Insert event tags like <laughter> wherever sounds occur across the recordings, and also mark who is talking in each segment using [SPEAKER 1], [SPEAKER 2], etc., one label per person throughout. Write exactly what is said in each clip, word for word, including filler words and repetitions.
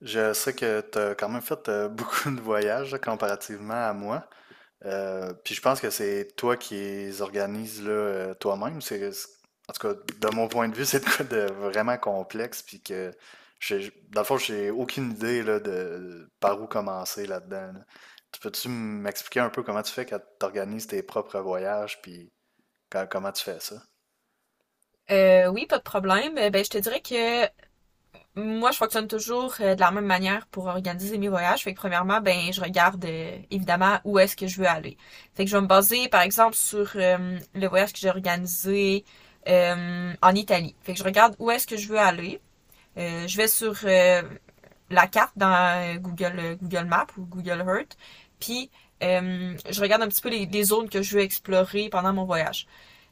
[SPEAKER 1] Je sais que tu as quand même fait euh, <laughs> beaucoup de voyages là, comparativement à moi. Euh, puis je pense que c'est toi qui les organises là, euh, toi-même. C'est, c'est- en tout cas, de mon point de vue, <laughs> c'est de quoi de vraiment complexe. Puis que, j'ai- dans le fond, j'ai aucune idée là, de par où commencer là-dedans. Là. Tu peux-tu m'expliquer un peu comment tu fais quand tu organises tes propres voyages? Puis quand- comment tu fais ça?
[SPEAKER 2] Euh, oui, pas de problème. Euh, Ben, je te dirais que moi, je fonctionne toujours euh, de la même manière pour organiser mes voyages. Fait que premièrement, ben, je regarde euh, évidemment où est-ce que je veux aller. Fait que je vais me baser, par exemple, sur euh, le voyage que j'ai organisé euh, en Italie. Fait que je regarde où est-ce que je veux aller. Euh, je vais sur euh, la carte dans euh, Google, euh, Google Maps ou Google Earth. Puis, euh, je regarde un petit peu les, les, zones que je veux explorer pendant mon voyage.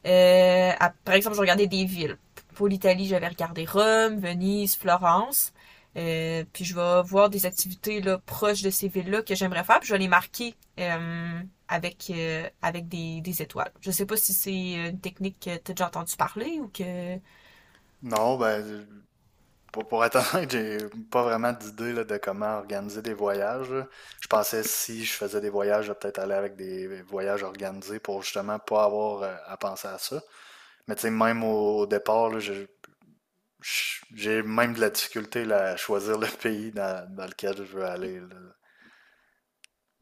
[SPEAKER 2] Euh, à, par exemple, je regardais des villes. Pour l'Italie, j'avais regardé Rome, Venise, Florence. Euh, puis je vais voir des activités là, proches de ces villes-là que j'aimerais faire. Puis je vais les marquer euh, avec, euh, avec des, des étoiles. Je sais pas si c'est une technique que tu as déjà entendu parler ou que.
[SPEAKER 1] Non, ben, Pour, pour être honnête, j'ai pas vraiment d'idée là, de comment organiser des voyages. Là. Je pensais si je faisais des voyages, de peut-être aller avec des voyages organisés pour justement pas avoir euh, à penser à ça. Mais tu sais, même au, au départ, là, je- je- j'ai même de la difficulté là, à choisir le <laughs> pays dans, dans lequel je veux aller. Là.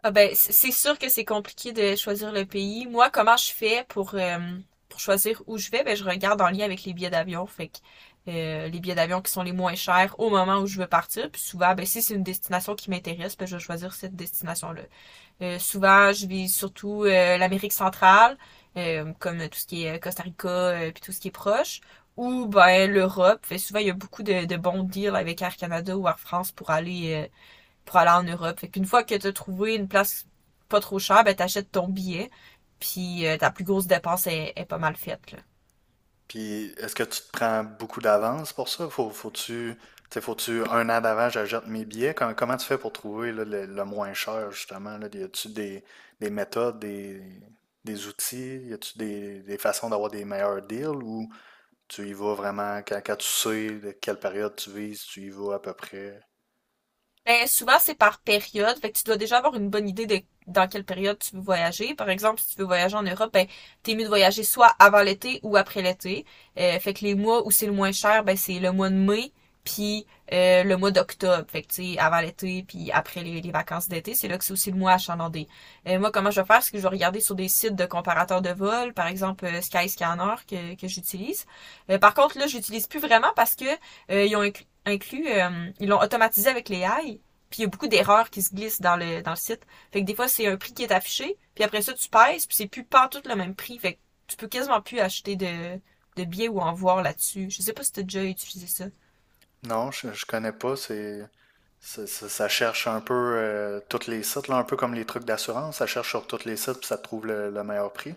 [SPEAKER 2] Ah ben, c- c'est sûr que c'est compliqué de choisir le pays. Moi, comment je fais pour, euh, pour choisir où je vais? Ben, je regarde en lien avec les billets d'avion. Fait que, euh, les billets d'avion qui sont les moins chers au moment où je veux partir. Puis souvent, ben, si c'est une destination qui m'intéresse, ben, je vais choisir cette destination-là. Euh, souvent, je vise surtout euh, l'Amérique centrale, euh, comme tout ce qui est Costa Rica, euh, puis tout ce qui est proche, ou ben l'Europe. Fait souvent, il y a beaucoup de, de bons deals avec Air Canada ou Air France pour aller euh, pour aller en Europe. Fait qu'une fois que tu as trouvé une place pas trop chère, ben t'achètes ton billet, puis euh, ta plus grosse dépense est, est pas mal faite, là.
[SPEAKER 1] Puis est-ce que tu te prends beaucoup d'avance pour ça? Faut, faut-tu, tu faut-tu un an d'avant, j'achète mes billets? Com- comment tu fais pour trouver là, le, le moins cher, justement? Là? Y a-tu des, des méthodes, des, des outils? Y a-tu des, des façons d'avoir des meilleurs deals ou tu y vas vraiment quand, quand tu sais de quelle période tu vises, tu y vas à peu près?
[SPEAKER 2] Ben, souvent, c'est par période. Fait que tu dois déjà avoir une bonne idée de dans quelle période tu veux voyager. Par exemple, si tu veux voyager en Europe, ben, t'es mieux de voyager soit avant l'été ou après l'été. Euh, fait que les mois où c'est le moins cher, ben, c'est le mois de mai, puis euh, le mois d'octobre. Fait que, tu sais, avant l'été, puis après les, les vacances d'été, c'est là que c'est aussi le mois achalandé. Euh, moi, comment je vais faire? C'est que je vais regarder sur des sites de comparateurs de vols, par exemple euh, Skyscanner que, que j'utilise. Euh, par contre, là, j'utilise plus vraiment parce que euh, ils ont inclus, inclus, euh, ils l'ont automatisé avec les A I. Puis il y a beaucoup d'erreurs qui se glissent dans le, dans le site. Fait que des fois, c'est un prix qui est affiché, puis après ça, tu pèses, puis c'est plus partout le même prix. Fait que tu peux quasiment plus acheter de, de billets ou en voir là-dessus. Je sais pas si t'as déjà utilisé ça.
[SPEAKER 1] Non, je, je connais pas. C'est, ça, ça- ça cherche un peu euh, tous les sites, là, un peu comme les trucs d'assurance. Ça cherche sur tous les sites puis ça te trouve le le meilleur prix.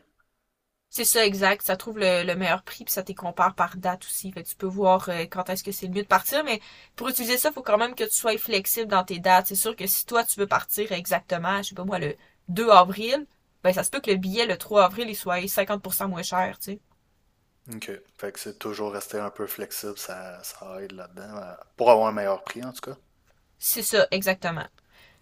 [SPEAKER 2] C'est ça, exact. Ça trouve le, le meilleur prix, puis ça te compare par date aussi. Fait que tu peux voir euh, quand est-ce que c'est le mieux de partir, mais pour utiliser ça, il faut quand même que tu sois flexible dans tes dates. C'est sûr que si toi, tu veux partir exactement, je sais pas moi, le deux avril, ben ça se peut que le billet le trois avril, il soit cinquante pour cent moins cher, tu sais.
[SPEAKER 1] OK. Fait que c'est toujours rester un peu flexible, ça, ça aide là-dedans, euh, pour avoir un meilleur prix en tout cas.
[SPEAKER 2] C'est ça, exactement.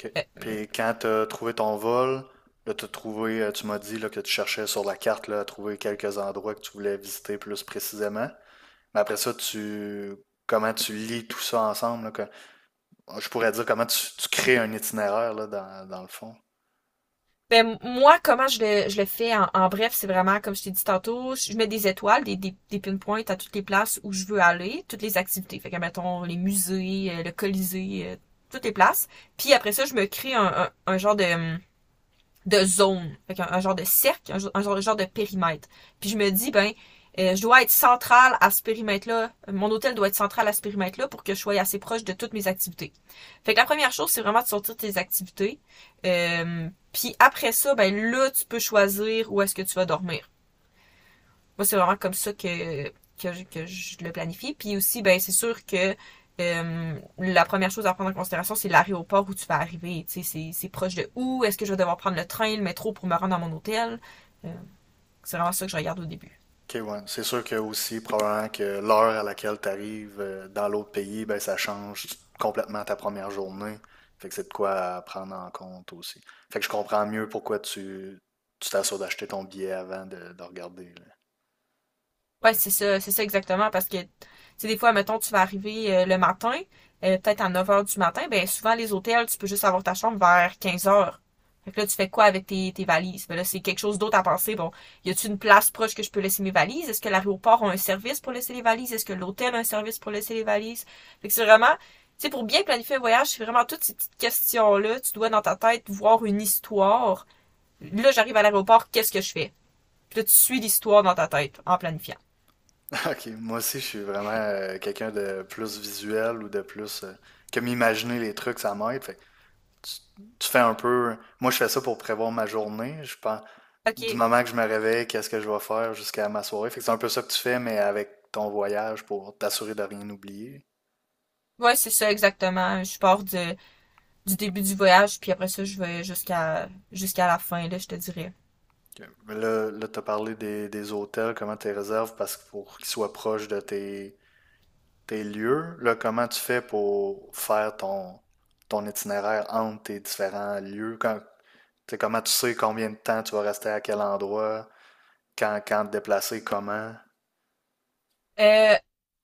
[SPEAKER 1] OK.
[SPEAKER 2] Euh,
[SPEAKER 1] Puis quand tu as trouvé ton vol, là, t'as trouvé, euh, tu m'as dit là, que tu cherchais sur la carte là, à trouver quelques endroits que tu voulais visiter plus précisément. Mais après ça, tu comment tu lis tout ça ensemble, là, que- je pourrais dire comment tu, tu crées un itinéraire là, dans, dans le fond.
[SPEAKER 2] Ben, moi, comment je le, je le fais en, en bref, c'est vraiment, comme je t'ai dit tantôt, je mets des étoiles, des, des, des pinpoints à toutes les places où je veux aller, toutes les activités. Fait que, mettons, les musées, euh, le Colisée, euh, toutes les places. Puis après ça, je me crée un, un, un genre de, hum, de zone. Fait un, un genre de cercle, un, un, genre, un, genre de périmètre. Puis je me dis, ben, euh, je dois être centrale à ce périmètre-là, mon hôtel doit être central à ce périmètre-là pour que je sois assez proche de toutes mes activités. Fait que la première chose, c'est vraiment de sortir tes activités. Euh, puis après ça, ben là, tu peux choisir où est-ce que tu vas dormir. Moi, c'est vraiment comme ça que, que, je, que je le planifie. Puis aussi, ben, c'est sûr que euh, la première chose à prendre en considération, c'est l'aéroport où tu vas arriver. Tu sais, c'est, c'est proche de où? Est-ce que je vais devoir prendre le train, le métro pour me rendre à mon hôtel? Euh, c'est vraiment ça que je regarde au début.
[SPEAKER 1] OK, ouais. C'est sûr que aussi, probablement que l'heure à laquelle tu arrives dans l'autre pays, ben, ça change complètement ta première journée. Fait que c'est de quoi à prendre en compte aussi. Fait que je comprends mieux pourquoi tu tu t'assures d'acheter ton billet avant de, de regarder. Là.
[SPEAKER 2] Ouais, c'est ça, c'est ça exactement, parce que, tu sais, des fois, mettons, tu vas arriver euh, le matin, euh, peut-être à neuf heures du matin, ben souvent, les hôtels, tu peux juste avoir ta chambre vers quinze heures. Fait que là, tu fais quoi avec tes, tes valises? Ben là, c'est quelque chose d'autre à penser. Bon, y a-t-il une place proche que je peux laisser mes valises? Est-ce que l'aéroport a un service pour laisser les valises? Est-ce que l'hôtel a un service pour laisser les valises? Fait que c'est vraiment, tu sais, pour bien planifier un voyage, c'est vraiment toutes ces petites questions-là. Tu dois, dans ta tête, voir une histoire. Là, j'arrive à l'aéroport, qu'est-ce que je fais? Puis là, tu suis l'histoire dans ta tête en planifiant.
[SPEAKER 1] <laughs> OK, moi aussi, je suis vraiment euh, quelqu'un de plus visuel ou de plus euh, que m'imaginer les trucs, ça m'aide. Fait que tu, tu fais un peu. Moi, je fais ça pour prévoir ma journée. Je pense, du
[SPEAKER 2] OK.
[SPEAKER 1] moment que je me réveille, qu'est-ce que je vais faire jusqu'à ma soirée. Fait que c'est un peu ça que tu fais, mais avec ton voyage pour t'assurer de rien oublier.
[SPEAKER 2] Ouais, c'est ça exactement. Je pars de- du début du voyage, puis après ça, je vais jusqu'à jusqu'à la fin, là, je te dirais.
[SPEAKER 1] Ok. Mais là, là tu as parlé des, des hôtels, comment tu les réserves parce que pour qu'ils soient proches de tes, tes lieux. Là, comment tu fais pour faire ton, ton itinéraire entre tes différents lieux? Quand, tu sais, comment tu sais combien de temps tu vas rester à quel endroit, quand, quand te déplacer, comment?
[SPEAKER 2] Euh,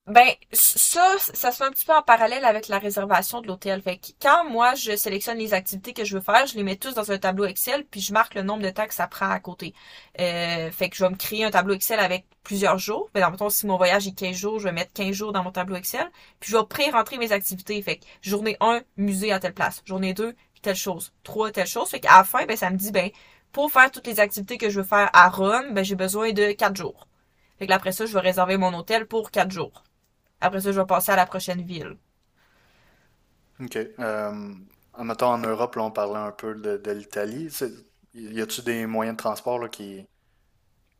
[SPEAKER 2] Ben, ça, ça se fait un petit peu en parallèle avec la réservation de l'hôtel. Fait que quand moi, je sélectionne les activités que je veux faire, je les mets tous dans un tableau Excel, puis je marque le nombre de temps que ça prend à côté. Euh, fait que je vais me créer un tableau Excel avec plusieurs jours. Mais dans le mettons, si mon voyage est quinze jours, je vais mettre quinze jours dans mon tableau Excel, puis je vais pré-rentrer mes activités. Fait que journée un, musée à telle place. Journée deux, telle chose. Trois, telle chose. Fait qu'à la fin, ben, ça me dit, ben, pour faire toutes les activités que je veux faire à Rome, ben, j'ai besoin de quatre jours. Fait que là, après ça, je vais réserver mon hôtel pour quatre jours. Après ça, je vais passer à la prochaine ville.
[SPEAKER 1] OK. Euh, mettons, en Europe, là, on parlait un peu de, de l'Italie. C'est- Y a-tu des moyens de transport là, qui,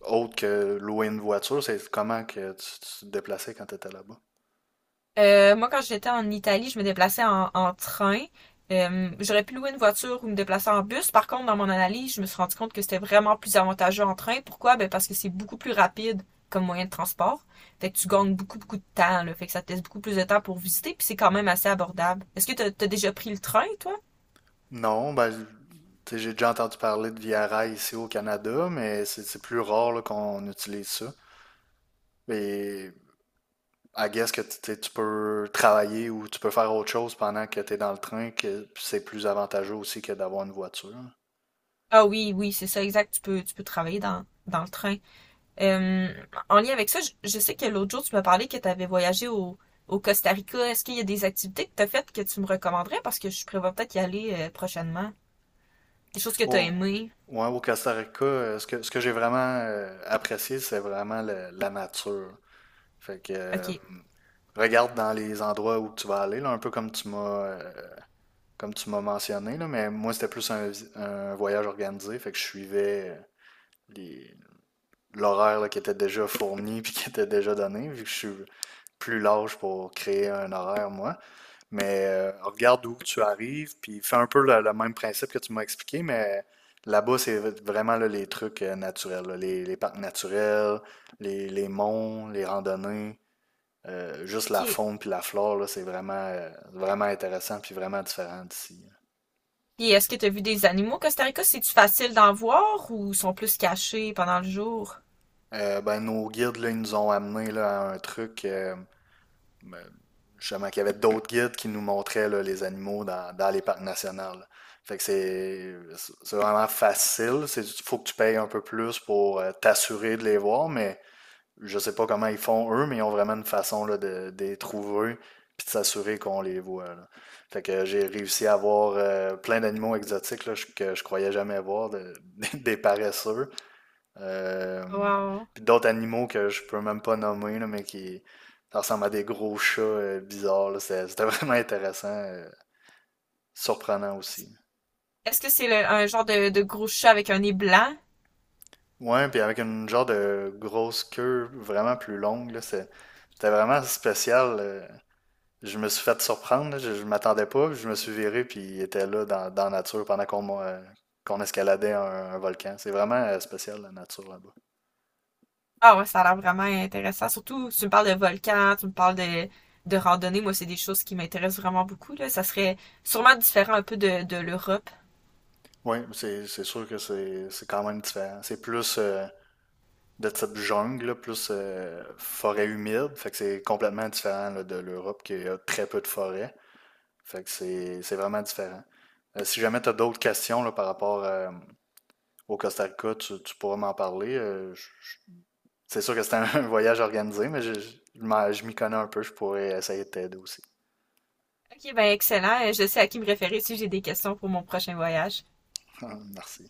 [SPEAKER 1] autres que louer une voiture, c'est comment que tu, tu te déplaçais quand tu étais là-bas?
[SPEAKER 2] Euh, moi, quand j'étais en Italie, je me déplaçais en, en train. Euh, j'aurais pu louer une voiture ou me déplacer en bus. Par contre, dans mon analyse, je me suis rendu compte que c'était vraiment plus avantageux en train. Pourquoi? Ben parce que c'est beaucoup plus rapide comme moyen de transport. Fait que tu gagnes beaucoup, beaucoup de temps. Là. Fait que ça te laisse beaucoup plus de temps pour visiter, puis c'est quand même assez abordable. Est-ce que t'as as déjà pris le train, toi?
[SPEAKER 1] Non, ben, tu sais, j'ai déjà entendu parler de Via Rail ici au Canada, mais c'est c'est plus rare là, qu'on utilise ça. Et à guess que tu sais, tu peux travailler ou tu peux faire autre chose pendant que tu es dans le train, que c'est plus avantageux aussi que d'avoir une voiture.
[SPEAKER 2] Ah oui, oui, c'est ça, exact. Tu peux, tu peux travailler dans, dans le train. Euh, en lien avec ça, je, je sais que l'autre jour, tu m'as parlé que tu avais voyagé au, au Costa Rica. Est-ce qu'il y a des activités que tu as faites que tu me recommanderais? Parce que je prévois peut-être y aller euh, prochainement. Des choses que tu as
[SPEAKER 1] Au,
[SPEAKER 2] aimées.
[SPEAKER 1] ouais, au Costa Rica, euh, ce que, ce que j'ai vraiment euh, apprécié, c'est vraiment le- la nature. Fait que euh,
[SPEAKER 2] OK.
[SPEAKER 1] regarde dans les endroits où tu vas aller, là, un peu comme tu m'as euh, comme tu m'as mentionné, là, mais moi c'était plus un, vi- un voyage organisé, fait que je suivais euh, les- l'horaire là, qui était déjà fourni <laughs> puis qui était déjà donné, vu que je suis plus large pour créer un horaire, moi. Mais euh, regarde d'où tu arrives, puis fais un peu le, le même principe que tu m'as expliqué, mais là-bas, c'est vraiment là, les trucs euh, naturels, là, les, les parcs naturels, les, les monts, les randonnées, euh, juste la
[SPEAKER 2] OK.
[SPEAKER 1] faune puis la flore, là, c'est vraiment, euh, vraiment intéressant puis vraiment différent d'ici.
[SPEAKER 2] Et est-ce que tu as vu des animaux au Costa Rica? C'est-tu facile d'en voir ou sont plus cachés pendant le jour?
[SPEAKER 1] Euh, ben, nos guides, là, ils nous ont amené là, à un truc. euh, justement, qu'il y avait d'autres guides qui nous montraient là, les animaux dans, dans les parcs nationaux. Fait que c'est c'est vraiment facile. Il faut que tu payes un peu plus pour euh, t'assurer de les voir, mais je sais pas comment ils font eux, mais ils ont vraiment une façon là, de, de les trouver puis de s'assurer qu'on les voit. Là. Fait que j'ai réussi à voir euh, plein d'animaux exotiques là, que je croyais jamais voir, de- <laughs> des paresseux. Euh,
[SPEAKER 2] Wow.
[SPEAKER 1] Puis d'autres animaux que je peux même pas nommer, là, mais qui ça ressemble à des gros chats euh, bizarres. Là. C'est- C'était <laughs> vraiment intéressant, euh, surprenant
[SPEAKER 2] Est-ce
[SPEAKER 1] aussi.
[SPEAKER 2] est-ce que c'est le- un genre de, de gros chat avec un nez blanc?
[SPEAKER 1] Ouais, puis avec une genre de grosse queue vraiment plus longue, là, c'est- c'était vraiment spécial. euh. Je me suis fait surprendre, là, je, je m'attendais pas, puis je me suis viré, puis il était là dans, dans la nature pendant qu'on m'a- qu'on escaladait un, un volcan. C'est vraiment euh, spécial la nature là-bas.
[SPEAKER 2] Ah ouais, ça a l'air vraiment intéressant. Surtout, tu me parles de volcans, tu me parles de, de randonnée. Moi, c'est des choses qui m'intéressent vraiment beaucoup, là. Ça serait sûrement différent un peu de, de l'Europe.
[SPEAKER 1] Oui, c'est c'est sûr que c'est c'est quand même différent. C'est plus euh, de type jungle, là, plus euh, forêt humide. Fait que c'est complètement différent là, de l'Europe qui a très peu de forêt. Fait que c'est c'est vraiment différent. Euh, si jamais tu as d'autres questions là, par rapport euh, au Costa Rica, tu, tu pourras m'en parler. Euh, je- je- c'est sûr que c'est un, <laughs> un voyage organisé, mais je, je- je m'en- je m'y connais un peu, je pourrais essayer de t'aider aussi.
[SPEAKER 2] Ok, ben excellent. Je sais à qui me référer si j'ai des questions pour mon prochain voyage.
[SPEAKER 1] <laughs> Merci.